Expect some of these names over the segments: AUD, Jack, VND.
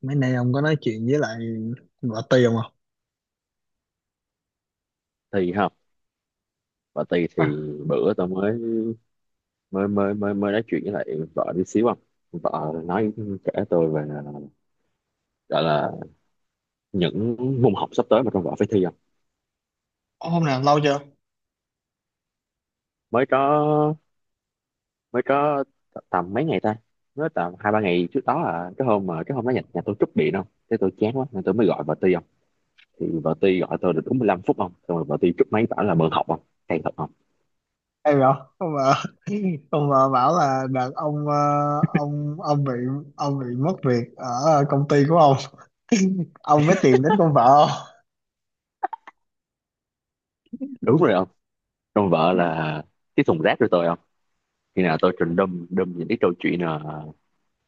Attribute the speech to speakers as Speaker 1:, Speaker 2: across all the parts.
Speaker 1: Mấy nay ông có nói chuyện với lại bà Tì không à?
Speaker 2: Thi không và thi thì
Speaker 1: À,
Speaker 2: bữa tao mới mới mới mới mới nói chuyện với lại vợ đi xíu không. Vợ nói, kể tôi về, gọi là những môn học sắp tới mà trong vợ phải thi không.
Speaker 1: hôm nào lâu chưa?
Speaker 2: mới có mới có Tầm mấy ngày ta, mới tầm 2 3 ngày trước đó à. Cái hôm mà cái hôm đó nhà tôi trúc điện không, thế tôi chán quá nên tôi mới gọi vợ Ti không. Thì vợ Ti gọi tôi được đúng 15 phút không, xong rồi vợ Ti trúc máy bảo là mượn học không. Hay thật không.
Speaker 1: Hay rồi ông mà ông mà bảo là đợt ông ông bị ông bị mất việc ở công ty của ông ông mới tìm đến con vợ không.
Speaker 2: Đúng rồi không, trong vợ là cái thùng rác của tôi không. Khi nào tôi trình đâm đâm những cái câu chuyện là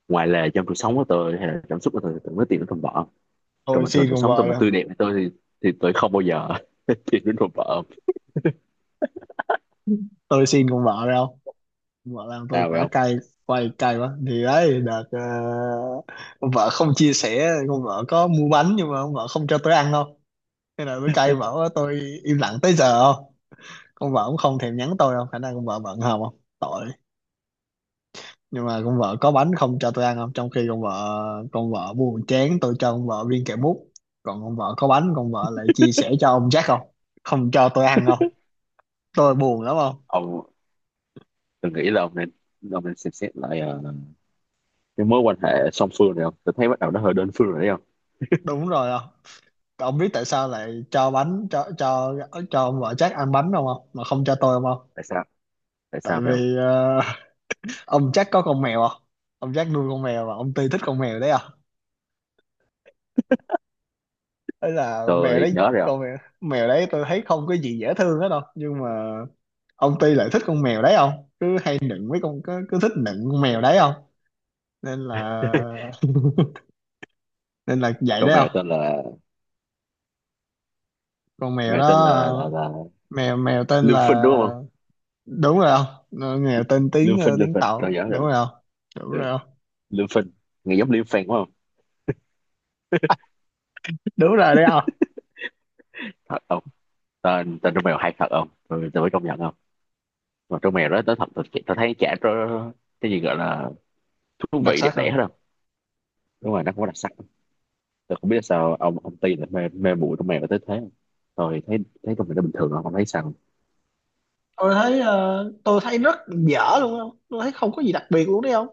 Speaker 2: ngoài là trong cuộc sống của tôi hay là cảm xúc của tôi thì tôi mới tìm đến thùng vợ. Còn
Speaker 1: Tôi
Speaker 2: bình thường
Speaker 1: xin
Speaker 2: cuộc
Speaker 1: con
Speaker 2: sống tôi
Speaker 1: vợ
Speaker 2: mà
Speaker 1: rồi,
Speaker 2: tươi đẹp với tôi thì tôi không bao giờ tìm đến thùng vợ.
Speaker 1: tôi xin con vợ rồi không. Con vợ làm tôi
Speaker 2: Sao vậy
Speaker 1: quả
Speaker 2: ông.
Speaker 1: cay, quay cay quá. Thì đấy đợt con vợ không chia sẻ, con vợ có mua bánh nhưng mà con vợ không cho tôi ăn không. Thế là tôi cay vợ, tôi im lặng tới giờ không. Con vợ cũng không thèm nhắn tôi đâu, khả năng con vợ bận hòm không tội. Nhưng mà con vợ có bánh không cho tôi ăn không, trong khi con vợ, con vợ buồn chán tôi cho con vợ viên kẹo mút, còn con vợ có bánh con vợ lại chia sẻ cho ông Jack không, không cho tôi ăn không. Tôi buồn lắm không.
Speaker 2: Ông từng nghĩ là ông nên, ông nên xem xét lại cái mối quan hệ song phương này không. Tôi thấy bắt đầu nó hơi đơn phương rồi đấy không.
Speaker 1: Đúng rồi không. Ông biết tại sao lại cho bánh cho cho ông vợ Jack ăn bánh không không mà không cho tôi không không?
Speaker 2: Tại sao, tại
Speaker 1: Tại
Speaker 2: sao vậy không.
Speaker 1: vì ông Jack có con mèo không, ông Jack nuôi con mèo và ông Ti thích con mèo đấy à, ấy là mèo
Speaker 2: Tôi
Speaker 1: đấy.
Speaker 2: nhớ rồi không.
Speaker 1: Con mèo, mèo đấy tôi thấy không có gì dễ thương hết đâu, nhưng mà ông Ty lại thích con mèo đấy không, cứ hay nựng với con cứ thích nựng con mèo đấy không. Nên là nên là vậy
Speaker 2: Con
Speaker 1: đấy
Speaker 2: mèo
Speaker 1: không.
Speaker 2: tên là,
Speaker 1: Con mèo
Speaker 2: mèo
Speaker 1: đó
Speaker 2: tên là là, là
Speaker 1: mèo mèo tên
Speaker 2: Lương Phinh
Speaker 1: là,
Speaker 2: đúng không.
Speaker 1: đúng rồi không. Nó- mèo tên
Speaker 2: Lương
Speaker 1: tiếng
Speaker 2: Phinh, Lương
Speaker 1: tiếng
Speaker 2: Phinh
Speaker 1: tàu,
Speaker 2: tôi nhớ
Speaker 1: đúng
Speaker 2: rồi.
Speaker 1: rồi không. Đúng
Speaker 2: Ừ.
Speaker 1: rồi không.
Speaker 2: Lương Phinh nghe giống Liêm Phinh quá không.
Speaker 1: Đúng rồi đấy không.
Speaker 2: Thật không. Tên tên con mèo hay thật không, tôi mới công nhận không. Mà trong mèo đó tớ thật, tớ thấy chả có cái gì gọi là thú
Speaker 1: Đặc
Speaker 2: vị
Speaker 1: sắc
Speaker 2: đẹp
Speaker 1: không.
Speaker 2: đẽ hết đâu. Đúng rồi nó không có đặc sắc. Tớ không biết sao ông Ti lại mê mê mụi trong mèo tới thế, rồi thấy thấy trong mèo nó bình thường không thấy sao.
Speaker 1: Tôi thấy tôi thấy rất dở luôn không, tôi thấy không có gì đặc biệt luôn đấy không.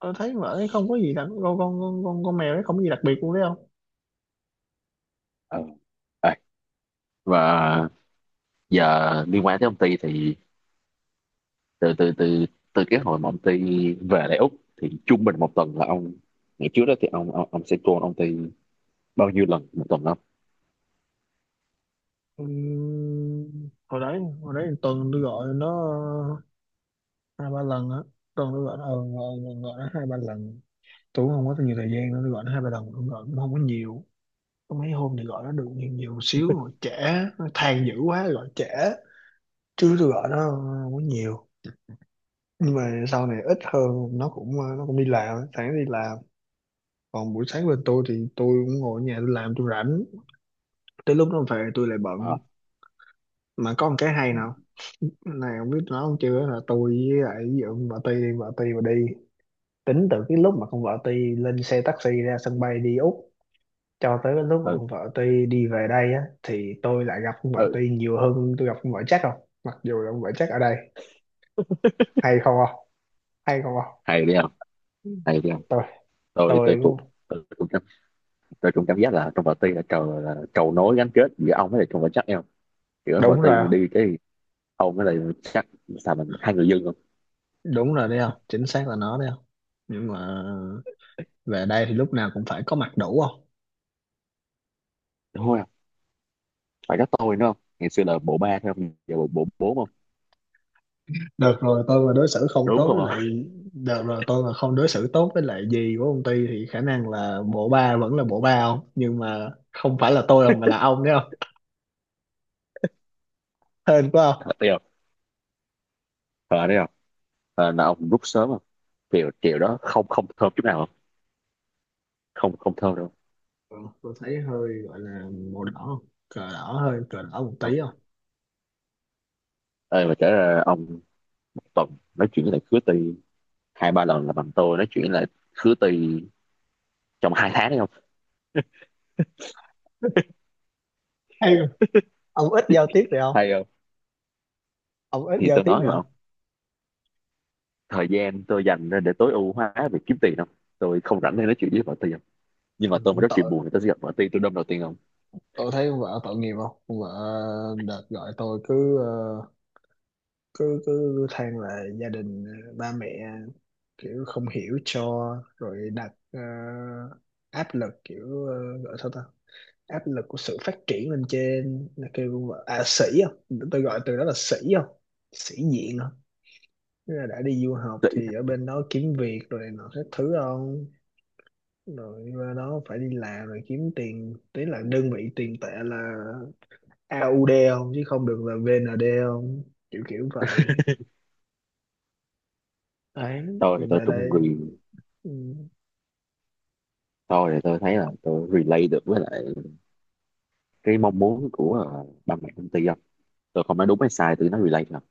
Speaker 1: Tôi thấy mà ấy không có gì đặc con mèo đấy không có gì đặc biệt luôn đấy không.
Speaker 2: Ờ. Ê, và giờ liên quan tới ông Ti thì từ từ từ từ cái hồi mà ông Ti về lại Úc thì trung bình một tuần là ông, ngày trước đó thì ông sẽ call ông Ti bao nhiêu lần một tuần không.
Speaker 1: Ừ, hồi đấy thì tuần tôi gọi nó ờ, hai ba lần á. Tuần tôi gọi nó, gọi nó hai ba lần, tôi cũng không có nhiều thời gian nữa, tôi gọi nó hai ba lần cũng gọi cũng không có nhiều. Có mấy hôm thì gọi nó được nhiều một xíu rồi trễ, nó than dữ quá gọi trễ, chứ tôi gọi nó không có nhiều. Nhưng mà sau này ít hơn, nó cũng nó cũng đi làm sáng đi làm, còn buổi sáng bên tôi thì tôi cũng ngồi ở nhà tôi làm tôi rảnh, tới lúc nó về tôi lại bận.
Speaker 2: À,
Speaker 1: Mà có một cái hay
Speaker 2: ừ,
Speaker 1: nào này không biết nói không chưa, là tôi với lại ví dụ vợ Ti đi, vợ Ti mà đi, tính từ cái lúc mà con vợ Ti lên xe taxi ra sân bay đi Úc cho tới cái lúc mà
Speaker 2: ừ,
Speaker 1: con vợ Ti đi về đây á, thì tôi lại gặp con vợ
Speaker 2: ừ.
Speaker 1: Ti nhiều hơn tôi gặp con vợ chắc không, mặc dù là con vợ chắc ở đây. Hay không không, hay không không.
Speaker 2: Hay đi không, hay đi không.
Speaker 1: tôi
Speaker 2: Tôi
Speaker 1: tôi
Speaker 2: cũng, tôi cũng tôi cũng cảm giác là trong party là cầu nối gắn kết giữa ông với lại trong và chắc em, giữa
Speaker 1: đúng
Speaker 2: party
Speaker 1: rồi
Speaker 2: mình
Speaker 1: không?
Speaker 2: đi cái ông với lại chắc, sao mình hai người dưng không.
Speaker 1: Đúng rồi đấy không, chính xác là nó đấy không. Nhưng mà về đây thì lúc nào cũng phải có mặt đủ không.
Speaker 2: Đúng không, phải có tôi nữa không, ngày xưa là bộ ba thôi không, giờ bộ bộ bốn không.
Speaker 1: Đợt rồi tôi mà đối xử không
Speaker 2: Đúng
Speaker 1: tốt với
Speaker 2: không.
Speaker 1: lại, đợt rồi tôi mà không đối xử tốt với lại gì của công ty thì khả năng là bộ ba vẫn là bộ ba không, nhưng mà không phải là tôi đâu mà là ông đấy không. Hên quá không.
Speaker 2: Thật tiêu. Ờ đấy không, ờ là ông rút sớm không. Chiều chiều đó không, không thơm chút nào không, không không thơm đâu.
Speaker 1: Ừ, tôi thấy hơi gọi là màu đỏ không, cờ đỏ hơi cờ đỏ một
Speaker 2: À,
Speaker 1: tí không.
Speaker 2: ơi mà trở ra ông, tuần nói chuyện với lại khứa Tì 2 3 lần là bằng tôi nói chuyện với lại khứa Tì trong 2 tháng đấy không.
Speaker 1: Hay rồi. Ông ít giao tiếp vậy không,
Speaker 2: Hay không.
Speaker 1: ông ít
Speaker 2: Thì
Speaker 1: giao
Speaker 2: tôi
Speaker 1: tiếp
Speaker 2: nói
Speaker 1: vậy
Speaker 2: mà,
Speaker 1: không.
Speaker 2: thời gian tôi dành ra để tối ưu hóa việc kiếm tiền không, tôi không rảnh để nói chuyện với vợ tôi không. Nhưng mà
Speaker 1: Trời,
Speaker 2: tôi mà
Speaker 1: cũng
Speaker 2: rất chuyện
Speaker 1: tội,
Speaker 2: buồn thì tôi sẽ gặp vợ tôi đâm đầu tiên không.
Speaker 1: tôi thấy con vợ tội nghiệp không. Con vợ đợt gọi tôi cứ cứ cứ than là gia đình, ba mẹ kiểu không hiểu cho, rồi đặt áp lực kiểu gọi sao ta, áp lực của sự phát triển lên trên là kêu con vợ- à sĩ không, tôi gọi từ đó là sĩ không, sĩ diện không. Tức là đã đi du học thì ở bên đó kiếm việc rồi này nọ các thứ không, rồi qua đó phải đi làm rồi kiếm tiền tí, là đơn vị tiền tệ là AUD không chứ không được là VND không, kiểu kiểu vậy đấy.
Speaker 2: tôi thì
Speaker 1: Thì
Speaker 2: tôi
Speaker 1: về đây,
Speaker 2: cũng re
Speaker 1: ừ,
Speaker 2: tôi thì tôi thấy là tôi relate được với lại cái mong muốn của ba mẹ công ty không. Tôi không nói đúng hay sai, tôi nói relate không.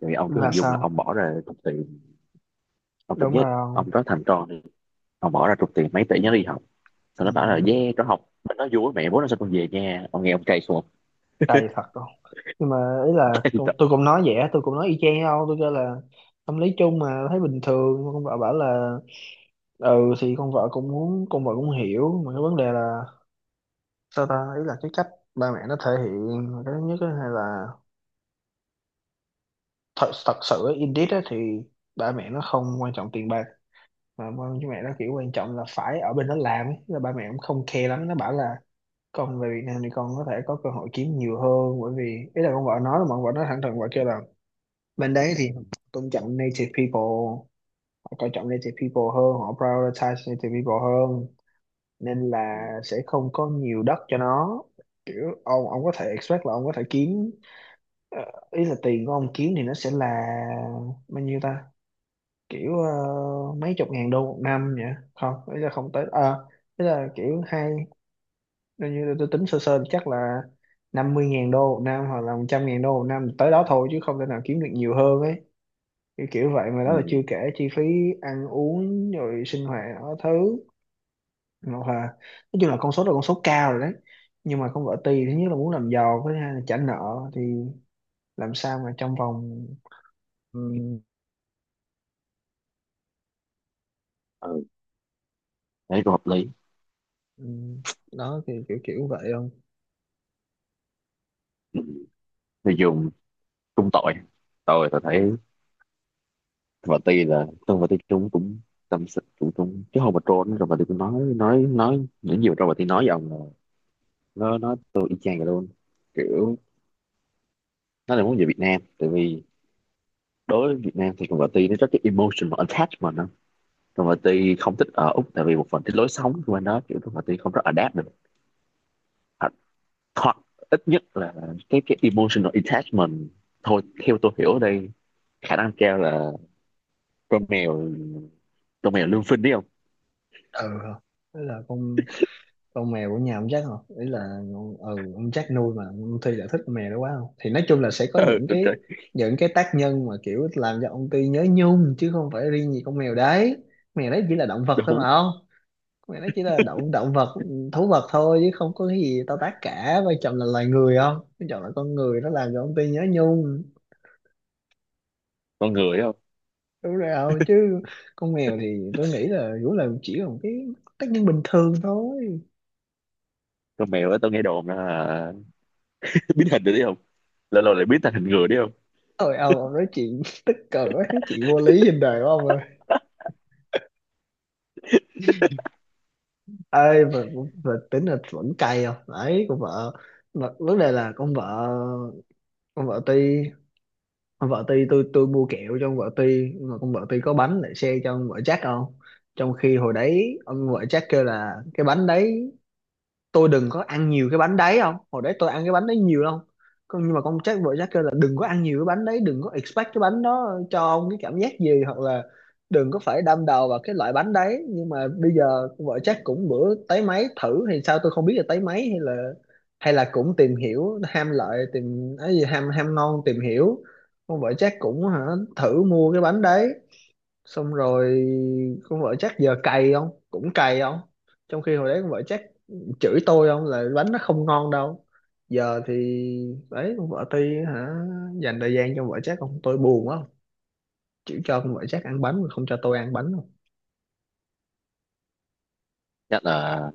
Speaker 2: Thì ông cứ
Speaker 1: là
Speaker 2: hình dung là ông
Speaker 1: sao,
Speaker 2: bỏ ra chục tiền, ông cảm
Speaker 1: đúng
Speaker 2: giác
Speaker 1: rồi
Speaker 2: ông
Speaker 1: không.
Speaker 2: có thằng con đi, ông bỏ ra chục tiền mấy tỷ nhớ đi học, xong
Speaker 1: Ừ,
Speaker 2: nó bảo là yeah nó học, nó vui mẹ bố nó sao con về nha, ông nghe ông cay xuống không?
Speaker 1: đầy thật không. Nhưng mà ý là tôi cũng nói vậy á, tôi cũng nói y chang đâu tôi kêu là tâm lý chung mà thấy bình thường. Con vợ bảo là ừ thì con vợ cũng muốn, con vợ cũng hiểu, mà cái vấn đề là sao ta, ý là cái cách ba mẹ nó thể hiện là cái thứ nhất á, hay là thật thật sự á, indeed á, thì ba mẹ nó không quan trọng tiền bạc, mà ba mẹ nó kiểu quan trọng là phải ở bên đó làm ấy. Là ba mẹ cũng không care lắm, nó bảo là còn về Việt Nam thì con có thể có cơ hội kiếm nhiều hơn, bởi vì ý là con vợ nói là, mà con vợ nói thẳng thừng vợ kêu là bên đấy thì họ tôn trọng native people, họ coi trọng native people hơn, họ prioritize native people hơn, nên là
Speaker 2: Ừ.
Speaker 1: sẽ không có nhiều đất cho nó. Kiểu ông có thể expect là ông có thể kiếm ờ, ý là tiền của ông kiếm thì nó sẽ là bao nhiêu ta, kiểu mấy chục ngàn đô một năm nhỉ, không ý là không tới à, ý là kiểu hai. Nếu như tôi tính sơ sơ chắc là 50 ngàn đô một năm hoặc là 100 ngàn đô một năm tới đó thôi, chứ không thể nào kiếm được nhiều hơn ấy, kiểu vậy. Mà đó là chưa
Speaker 2: Ừ.
Speaker 1: kể chi phí ăn uống rồi sinh hoạt đó thứ, hoặc là nói chung là con số đó là con số cao rồi đấy. Nhưng mà con vợ tì thứ nhất là muốn làm giàu, với thứ hai là trả nợ thì làm sao mà trong vòng,
Speaker 2: Ừ. Thấy cũng hợp lý.
Speaker 1: ừ, đó thì kiểu kiểu vậy không.
Speaker 2: Ừ. Người dùng cũng tội, tôi thấy và tuy là tôi và tuy chúng cũng tâm sự cũng cũng cái hôm mà trốn rồi mà tôi cũng nói nhiều rồi mà tôi nói với ông là nó tôi y chang vậy luôn. Kiểu nó là muốn về Việt Nam tại vì đối với Việt Nam thì con vợ Ti nó rất cái emotional attachment đó. Con vợ Ti không thích ở Úc tại vì một phần cái lối sống của anh đó, kiểu con vợ Ti không rất adapt được. Hoặc hoặc Ít nhất là cái emotional attachment, thôi theo tôi hiểu ở đây, khả năng cao là con mèo, con mèo Lương Phinh đấy không.
Speaker 1: Ừ, thế là con mèo của nhà ông Jack không, ý là ông- ừ, ông Jack nuôi mà ông Ty lại thích con mèo đó quá không, thì nói chung là sẽ có những cái,
Speaker 2: Ừ,
Speaker 1: những cái tác nhân mà kiểu làm cho ông Ty nhớ nhung, chứ không phải riêng gì con mèo đấy. Con mèo đấy chỉ là động vật thôi mà
Speaker 2: đúng
Speaker 1: không, con mèo đấy chỉ là động động vật, thú vật thôi, chứ không có cái gì to tát cả. Vai chồng là loài người không, vai chồng là con người nó làm cho ông Ty nhớ nhung.
Speaker 2: con người đấy không.
Speaker 1: Đúng rồi không, chứ con mèo thì tôi nghĩ là cũng là chỉ là một cái tác nhân bình thường thôi.
Speaker 2: Con mèo á tôi nghe đồn là biến hình rồi đấy không, lâu lâu lại biến thành hình người đấy không.
Speaker 1: Ôi ông nói chuyện tức cười quá, nói chuyện vô lý trên đời của ông ơi. Ơi mà tính là vẫn cay không đấy con vợ, mà vấn đề là con vợ, con vợ Ti, con vợ Ti tôi mua kẹo cho con vợ Ti, mà con vợ Ti có bánh để share cho con vợ Jack không. Trong khi hồi đấy ông vợ Jack kêu là cái bánh đấy, tôi đừng có ăn nhiều cái bánh đấy không, hồi đấy tôi ăn cái bánh đấy nhiều lắm. Con nhưng mà con Jack vợ Jack kêu là đừng có ăn nhiều cái bánh đấy, đừng có expect cái bánh đó cho ông cái cảm giác gì, hoặc là đừng có phải đâm đầu vào cái loại bánh đấy. Nhưng mà bây giờ con vợ Jack cũng bữa tới máy thử thì sao, tôi không biết là tới máy hay là cũng tìm hiểu ham lợi tìm ấy gì, ham ham ngon tìm hiểu, con vợ Jack cũng hả, thử mua cái bánh đấy, xong rồi con vợ chắc giờ cày không, cũng cày không. Trong khi hồi đấy con vợ chắc chửi tôi không, là bánh nó không ngon đâu. Giờ thì đấy, con vợ Ti hả dành thời gian cho con vợ chắc không, tôi buồn quá, chỉ cho con vợ chắc ăn bánh mà không cho tôi ăn bánh không.
Speaker 2: Chắc là,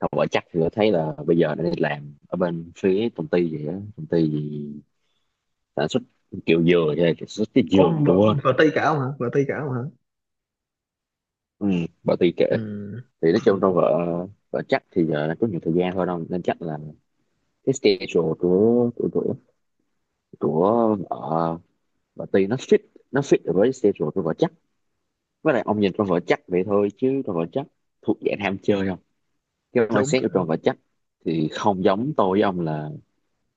Speaker 2: không phải chắc thì tôi thấy là bây giờ nó đi làm ở bên phía công ty gì á, công ty gì sản xuất kiểu dừa hay là sản xuất cái
Speaker 1: Ủa,
Speaker 2: dừa gì
Speaker 1: con vợ,
Speaker 2: tôi quên.
Speaker 1: vợ Ti cả không hả, vợ Ti cả không hả.
Speaker 2: Ừ, bà Ti kể
Speaker 1: Ừ,
Speaker 2: thì nói chung
Speaker 1: ừ
Speaker 2: trong vợ, vợ chắc thì giờ là có nhiều thời gian thôi đâu, nên chắc là cái schedule của vợ bà Ti nó fit, nó fit được với schedule của vợ chắc. Với lại ông nhìn con vợ chắc vậy thôi chứ con vợ chắc thuộc dạng ham chơi không. Cái
Speaker 1: đúng
Speaker 2: mindset của Tròn và chắc thì không giống tôi với ông là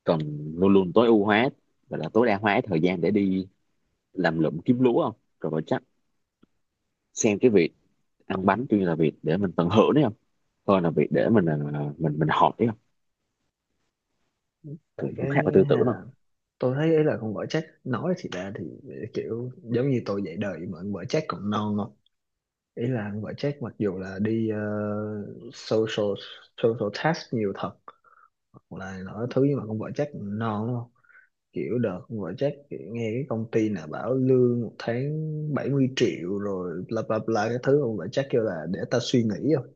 Speaker 2: cần luôn luôn tối ưu hóa và là tối đa hóa thời gian để đi làm lụm kiếm lúa không. Tròn và chắc xem cái việc ăn bánh tuy nhiên là việc để mình tận hưởng đấy không, hơn là việc để mình mình học đấy không.
Speaker 1: vậy.
Speaker 2: Cũng cũng
Speaker 1: Cái
Speaker 2: khác ở tư tưởng
Speaker 1: hay
Speaker 2: không.
Speaker 1: là tôi thấy ấy là con vợ chắc nói thì ra thì kiểu giống như tôi dạy đời, mà con vợ chắc còn non không. Ý là anh gọi check mặc dù là đi social, social task nhiều thật, hoặc là nói thứ, nhưng mà con vợ check non đúng không. Kiểu đợt con gọi check kiểu nghe cái công ty nào bảo lương một tháng 70 triệu rồi bla bla bla cái thứ, con vợ check kêu là để ta suy nghĩ không,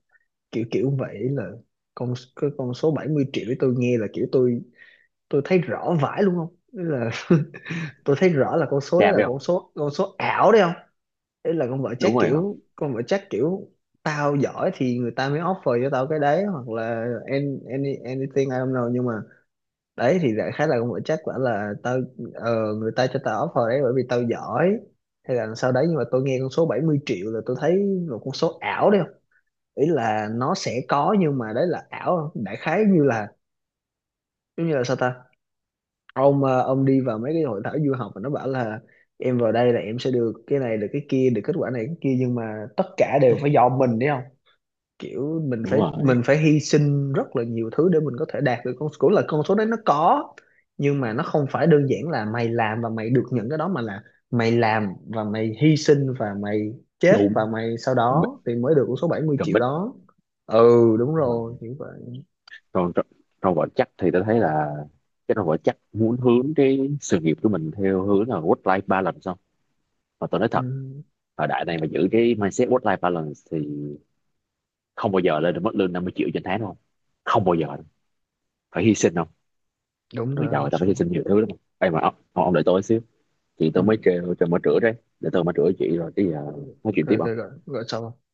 Speaker 1: kiểu kiểu vậy. Là con cái con số 70 triệu ấy tôi nghe là kiểu tôi thấy rõ vãi luôn không. Ý là tôi thấy rõ là con số đấy
Speaker 2: Cam
Speaker 1: là
Speaker 2: đấy không.
Speaker 1: con số ảo đấy không. Ý là con vợ chắc
Speaker 2: Đúng rồi không.
Speaker 1: kiểu, con vợ chắc kiểu tao giỏi thì người ta mới offer cho tao cái đấy, hoặc là anything I don't know, nhưng mà đấy thì đại khái là con vợ chắc quả là tao, người ta cho tao offer đấy bởi vì tao giỏi hay là sau đấy. Nhưng mà tôi nghe con số 70 triệu là tôi thấy một con số ảo đấy không, ý là nó sẽ có nhưng mà đấy là ảo. Đại khái như là giống như là sao ta, ông ông đi vào mấy cái hội thảo du học mà nó bảo là em vào đây là em sẽ được cái này được cái kia được kết quả này cái kia, nhưng mà tất cả đều phải do mình đấy không. Kiểu mình
Speaker 2: Đúng
Speaker 1: phải
Speaker 2: rồi
Speaker 1: mình phải hy sinh rất là nhiều thứ để mình có thể đạt được con cũng là con số đấy nó có, nhưng mà nó không phải đơn giản là mày làm và mày được nhận cái đó, mà là mày làm và mày hy sinh và mày chết
Speaker 2: đúng.
Speaker 1: và mày sau
Speaker 2: Cầm bích,
Speaker 1: đó thì mới được con số 70
Speaker 2: cầm
Speaker 1: triệu
Speaker 2: bích.
Speaker 1: đó. Ừ đúng
Speaker 2: Đúng
Speaker 1: rồi
Speaker 2: rồi.
Speaker 1: như vậy.
Speaker 2: Còn Tròn-, Tròn và chắc thì tôi thấy là cái Tròn và chắc muốn hướng cái sự nghiệp của mình theo hướng là work life balance không. Mà tôi nói
Speaker 1: Ừ,
Speaker 2: thật, thời đại này mà giữ cái mindset work life balance thì không bao giờ lên được mức lương 50 triệu trên tháng đúng không. Không bao giờ đâu. Phải hy sinh không.
Speaker 1: đúng
Speaker 2: Người
Speaker 1: rồi
Speaker 2: giàu
Speaker 1: không
Speaker 2: người ta phải hy
Speaker 1: số.
Speaker 2: sinh nhiều thứ lắm. Ê mà ông, ông đợi tôi xíu, chị
Speaker 1: Ừ.
Speaker 2: tôi mới kêu tôi mới rửa đấy. Để tôi mới rửa chị rồi cái giờ nói chuyện tiếp
Speaker 1: rồi rồi rồi
Speaker 2: không.
Speaker 1: rồi sao không?